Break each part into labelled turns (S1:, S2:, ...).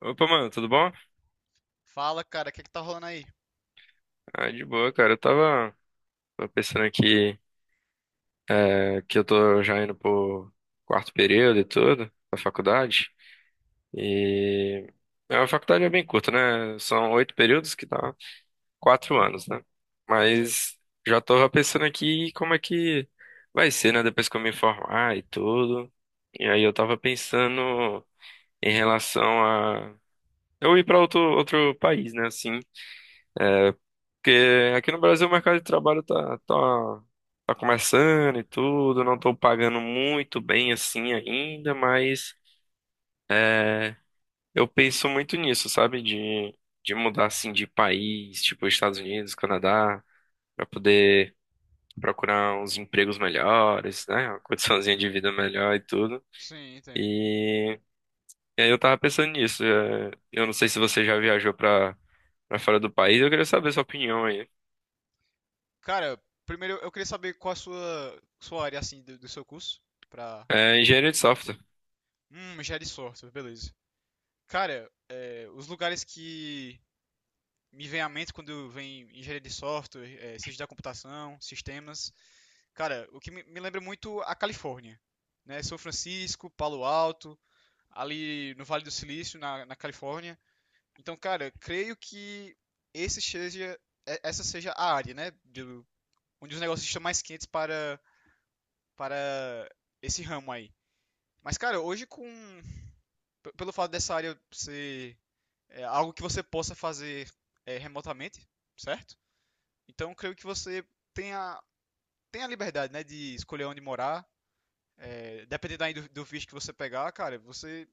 S1: Opa, mano, tudo bom?
S2: Fala, cara, o que é que tá rolando aí?
S1: Ah, de boa, cara. Eu tava pensando aqui que eu tô já indo pro quarto período e tudo, da faculdade. E a faculdade é bem curta, né? São oito períodos, que dá quatro anos, né?
S2: Sei.
S1: Mas já tô pensando aqui como é que vai ser, né? Depois que eu me formar e tudo. E aí eu tava pensando em relação a eu ir pra outro país, né? Assim. Porque aqui no Brasil o mercado de trabalho tá começando e tudo, não tô pagando muito bem assim ainda, mas é, eu penso muito nisso, sabe? De mudar assim de país, tipo Estados Unidos, Canadá, pra poder procurar uns empregos melhores, né? Uma condiçãozinha de vida melhor e tudo.
S2: Sim, entendo.
S1: E, e aí eu tava pensando nisso. Eu não sei se você já viajou pra fora do país, eu queria saber sua opinião aí.
S2: Cara, primeiro eu queria saber qual a sua área, assim, do seu curso pra
S1: É, engenharia de
S2: norte.
S1: software.
S2: Engenharia de software, beleza. Cara, é, os lugares que me vem à mente quando vem engenharia de software, é, ciência da computação, sistemas, cara, o que me lembra muito a Califórnia, né? São Francisco, Palo Alto, ali no Vale do Silício, na Califórnia. Então, cara, creio que esse seja, essa seja a área, né? Onde os negócios estão mais quentes para esse ramo aí. Mas, cara, pelo fato dessa área ser algo que você possa fazer remotamente, certo? Então, creio que você tenha, tenha a liberdade, né, de escolher onde morar. É, dependendo aí do visto que você pegar, cara, você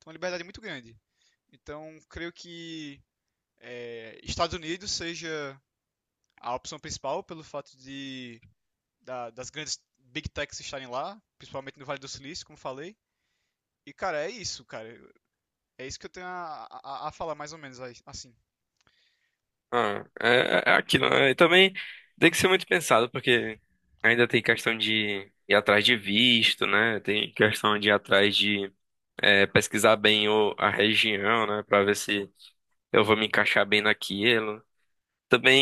S2: tem uma liberdade muito grande. Então, creio que Estados Unidos seja a opção principal pelo fato das grandes big techs estarem lá, principalmente no Vale do Silício, como falei. E, cara. É isso que eu tenho a falar, mais ou menos, assim.
S1: Ah, é aquilo, né? E também tem que ser muito pensado, porque ainda tem questão de ir atrás de visto, né? Tem questão de ir atrás de pesquisar bem a região, né? Pra ver se eu vou me encaixar bem naquilo.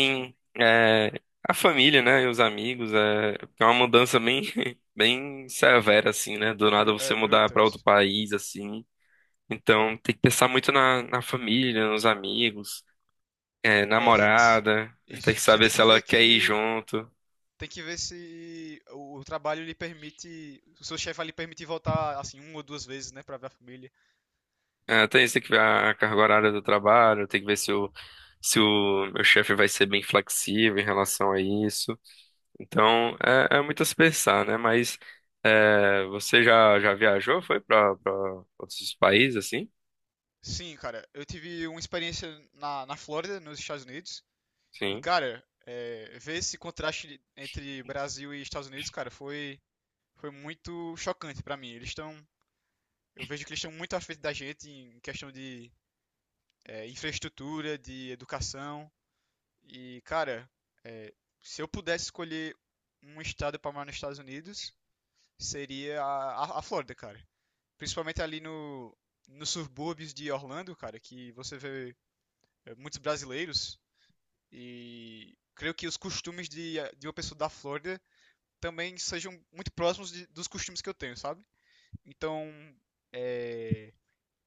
S2: Sim.
S1: a família, né? E os amigos. É, é uma mudança bem, bem severa, assim, né? Do nada você
S2: É
S1: mudar
S2: bruta.
S1: pra outro
S2: Isso
S1: país, assim.
S2: aí.
S1: Então tem que pensar muito na família, nos amigos
S2: É,
S1: namorada, tem
S2: isso.
S1: que
S2: Você
S1: saber
S2: tem
S1: se
S2: que
S1: ela
S2: ver
S1: quer ir
S2: que...
S1: junto.
S2: Tem que ver se o trabalho lhe permite... O seu chefe vai lhe permitir voltar, assim, uma ou duas vezes, né? Pra ver a família.
S1: É, tem isso, tem que ver a carga horária do trabalho, tem que ver se se o meu chefe vai ser bem flexível em relação a isso. Então, é muito a se pensar, né? Mas você já viajou? Foi para outros países, assim?
S2: Sim, cara. Eu tive uma experiência na Flórida, nos Estados Unidos. E,
S1: Sim,
S2: cara, é, ver esse contraste entre Brasil e Estados Unidos, cara, foi muito chocante pra mim. Eles estão. Eu vejo que eles estão muito à frente da gente em questão de infraestrutura, de educação. E, cara, é, se eu pudesse escolher um estado pra morar nos Estados Unidos, seria a Flórida, cara. Principalmente ali no, nos subúrbios de Orlando, cara, que você vê muitos brasileiros. E creio que os costumes de uma pessoa da Flórida também sejam muito próximos dos costumes que eu tenho, sabe? Então, é,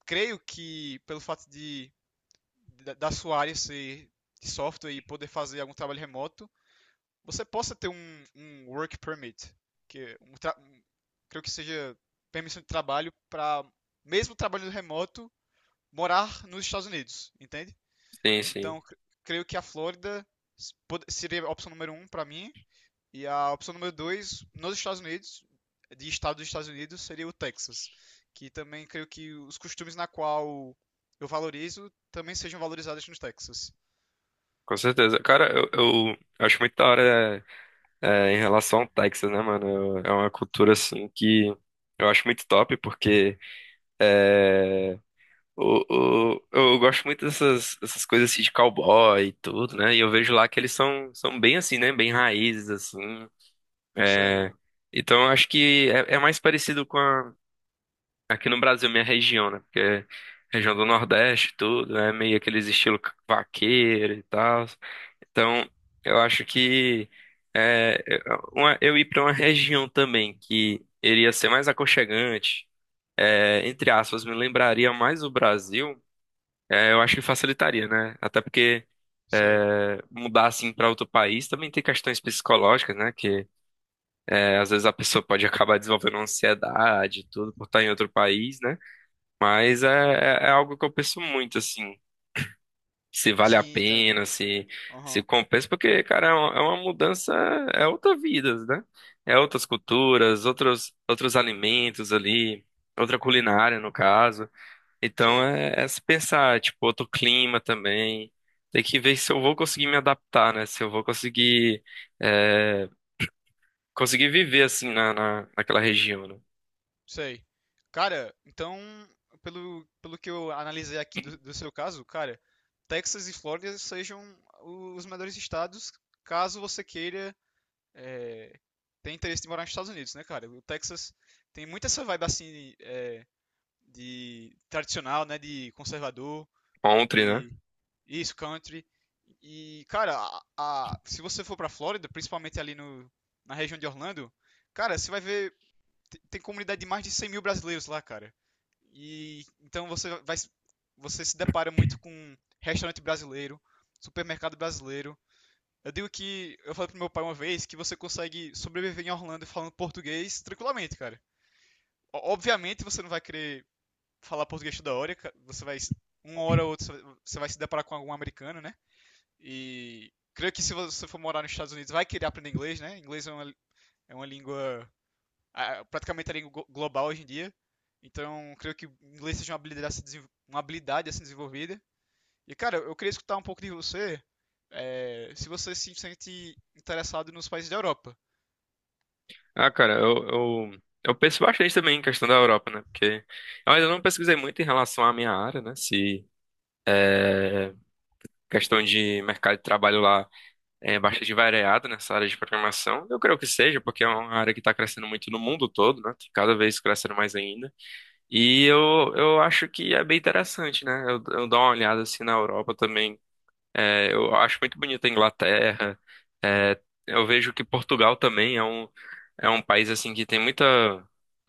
S2: creio que da sua área ser de software e poder fazer algum trabalho remoto, você possa ter um work permit, que é creio que seja permissão de trabalho para mesmo trabalho remoto morar nos Estados Unidos, entende?
S1: sim, sim.
S2: Então, creio que a Flórida seria a opção número um para mim e a opção número 2 nos Estados Unidos, de estado dos Estados Unidos, seria o Texas, que também creio que os costumes na qual eu valorizo também sejam valorizados no Texas.
S1: Com certeza. Cara, eu acho muito da hora em relação ao Texas, né, mano? É uma cultura, assim, que eu acho muito top, porque... eu gosto muito dessas, dessas coisas assim de cowboy e tudo, né? E eu vejo lá que eles são bem assim, né? Bem raízes, assim.
S2: Sei,
S1: É, então eu acho que é mais parecido com a, aqui no Brasil, minha região, né? Porque região do Nordeste, e tudo, né? Meio aqueles estilo vaqueiro e tal. Então eu acho que é, é, eu ir para uma região também que iria ser mais aconchegante, é, entre aspas, me lembraria mais o Brasil. É, eu acho que facilitaria, né? Até porque
S2: Sei.
S1: mudar assim para outro país também tem questões psicológicas, né? Que às vezes a pessoa pode acabar desenvolvendo ansiedade e tudo por estar em outro país, né? Mas é algo que eu penso muito, assim, se vale a
S2: Sim, entendo.
S1: pena, se
S2: Aham.
S1: compensa, porque, cara, é uma mudança, é outra vida, né? É outras culturas, outros alimentos ali, outra culinária, no caso. Então
S2: Sei,
S1: é se pensar, tipo, outro clima também. Tem que ver se eu vou conseguir me adaptar, né? Se eu vou conseguir, é, conseguir viver assim naquela região, né?
S2: Sei. Cara, então, pelo que eu analisei aqui do seu caso, cara, Texas e Flórida sejam os melhores estados caso você queira é, tem interesse de morar nos Estados Unidos, né, cara? O Texas tem muito essa vibe assim de tradicional, né, de conservador,
S1: Ontem, né?
S2: de isso, country. E, cara, se você for pra Flórida, principalmente ali no, na região de Orlando, cara, você vai tem comunidade de mais de 100 mil brasileiros lá, cara. E então você se depara muito com restaurante brasileiro, supermercado brasileiro, eu digo que eu falei pro meu pai uma vez que você consegue sobreviver em Orlando falando português tranquilamente, cara. Obviamente você não vai querer falar português toda hora, você vai uma hora ou outra você vai se deparar com algum americano, né? E creio que se você for morar nos Estados Unidos vai querer aprender inglês, né? Inglês é é uma língua praticamente a língua global hoje em dia. Então, creio que inglês seja uma habilidade a se desenvol- uma habilidade a ser desenvolvida. E, cara, eu queria escutar um pouco de você, é, se você se sente interessado nos países da Europa.
S1: Ah, cara, eu penso bastante também em questão da Europa, né? Porque eu ainda não pesquisei muito em relação à minha área, né? Se questão de mercado de trabalho lá é bastante variada nessa área de programação. Eu creio que seja, porque é uma área que está crescendo muito no mundo todo, né? Cada vez crescendo mais ainda. E eu acho que é bem interessante, né? Eu dou uma olhada assim na Europa também. É, eu acho muito bonita a Inglaterra. É, eu vejo que Portugal também é é um país assim que tem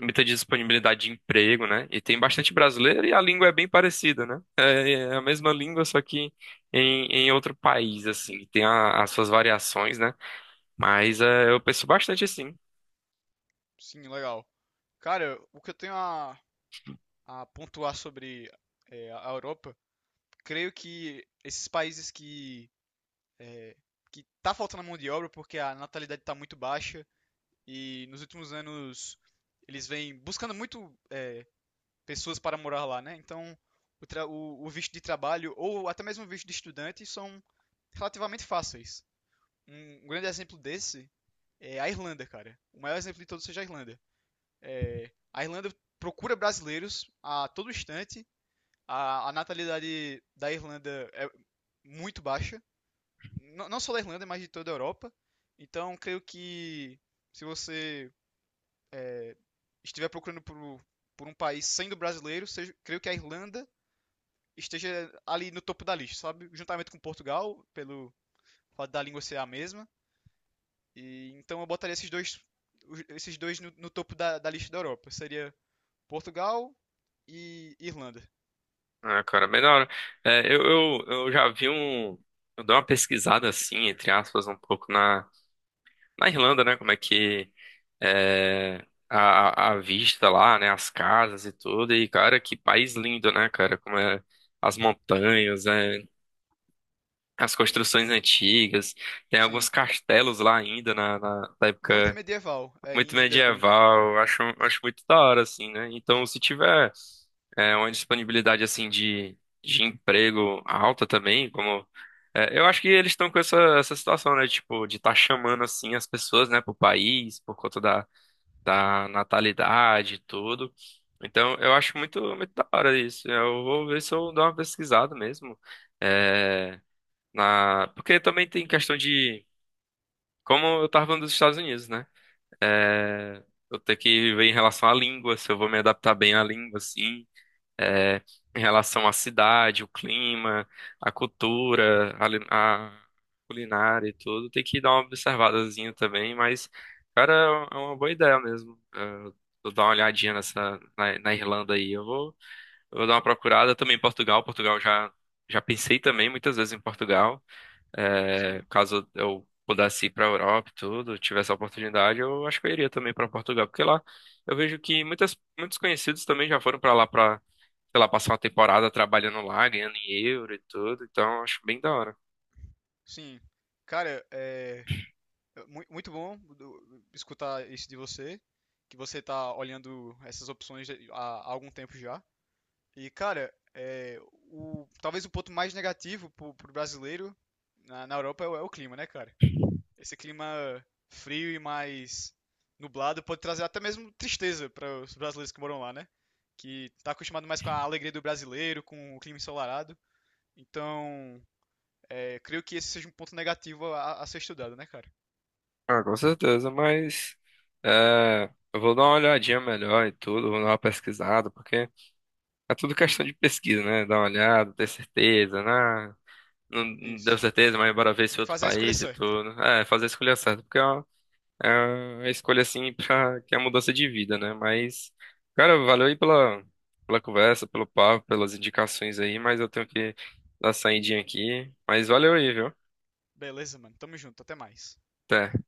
S1: muita disponibilidade de emprego, né? E tem bastante brasileiro e a língua é bem parecida, né? É a mesma língua, só que em outro país, assim. Tem as suas variações, né? Mas é, eu penso bastante assim.
S2: Sim, legal. Cara, o que eu tenho a pontuar sobre é, a Europa, creio que esses países que é, que tá faltando mão de obra porque a natalidade está muito baixa e nos últimos anos eles vêm buscando muito pessoas para morar lá, né? Então o visto de trabalho ou até mesmo o visto de estudante são relativamente fáceis. Um grande exemplo desse é a Irlanda, cara. O maior exemplo de todos seja a Irlanda. É, a Irlanda procura brasileiros a todo instante. A natalidade da Irlanda é muito baixa. Não só da Irlanda, mas de toda a Europa. Então, creio que se você é, estiver procurando por um país sendo brasileiro, seja, creio que a Irlanda esteja ali no topo da lista, sabe? Juntamente com Portugal, pelo fato da língua ser a mesma. E, então eu botaria esses dois, esses dois no topo da lista da Europa. Seria Portugal e Irlanda.
S1: Ah, cara, bem da hora. É, eu já vi um. Eu dei uma pesquisada assim, entre aspas, um pouco na Irlanda, né? Como é que é a vista lá, né? As casas e tudo. E, cara, que país lindo, né, cara? Como é as montanhas, é, as construções antigas. Tem alguns
S2: Sim.
S1: castelos lá ainda da
S2: Muito
S1: época
S2: medieval, é,
S1: muito
S2: em Dublin.
S1: medieval. Acho muito da hora, assim, né? Então, se tiver. É uma disponibilidade assim de emprego alta também, como eu acho que eles estão com essa situação, né? Tipo, de estar tá chamando assim as pessoas, né, pro país, por conta da natalidade e tudo. Então, eu acho muito da hora isso. Eu vou ver se eu dou uma pesquisada mesmo. É, na... Porque também tem questão de. Como eu tava falando dos Estados Unidos, né? É, eu tenho que ver em relação à língua, se eu vou me adaptar bem à língua, assim é, em relação à cidade, o clima, a cultura, a culinária e tudo. Tem que dar uma observadazinha também, mas, cara, é é uma boa ideia mesmo. É, vou dar uma olhadinha nessa, na Irlanda aí. Eu vou dar uma procurada também em Portugal. Já pensei também muitas vezes em Portugal. É,
S2: Sim.
S1: caso eu pudesse ir para a Europa e tudo, tivesse a oportunidade, eu acho que eu iria também para Portugal, porque lá eu vejo que muitos conhecidos também já foram para lá para, sei lá, passar uma temporada trabalhando lá, ganhando em euro e tudo, então eu acho bem da hora.
S2: Sim. Cara, é muito bom escutar isso de você, que você tá olhando essas opções há, há algum tempo já. E, cara, é, o, talvez o ponto mais negativo pro brasileiro na Europa é o, é o clima, né, cara? Esse clima frio e mais nublado pode trazer até mesmo tristeza para os brasileiros que moram lá, né? Que tá acostumado mais com a alegria do brasileiro, com o clima ensolarado. Então, é, creio que esse seja um ponto negativo a ser estudado, né, cara?
S1: Ah, com certeza, mas é, eu vou dar uma olhadinha melhor e tudo, vou dar uma pesquisada, porque é tudo questão de pesquisa, né? Dar uma olhada, ter certeza, né? Não deu
S2: Isso.
S1: certeza, mas bora ver
S2: Tem
S1: esse
S2: que
S1: outro
S2: fazer a escolha
S1: país e
S2: certa.
S1: tudo. É, fazer a escolha certa, porque é uma. É a escolha assim para que é a mudança de vida, né? Mas, cara, valeu aí pela, pela conversa, pelo papo, pelas indicações aí, mas eu tenho que dar saidinha aqui. Mas valeu aí, viu?
S2: Beleza, mano. Tamo junto. Até mais.
S1: Até.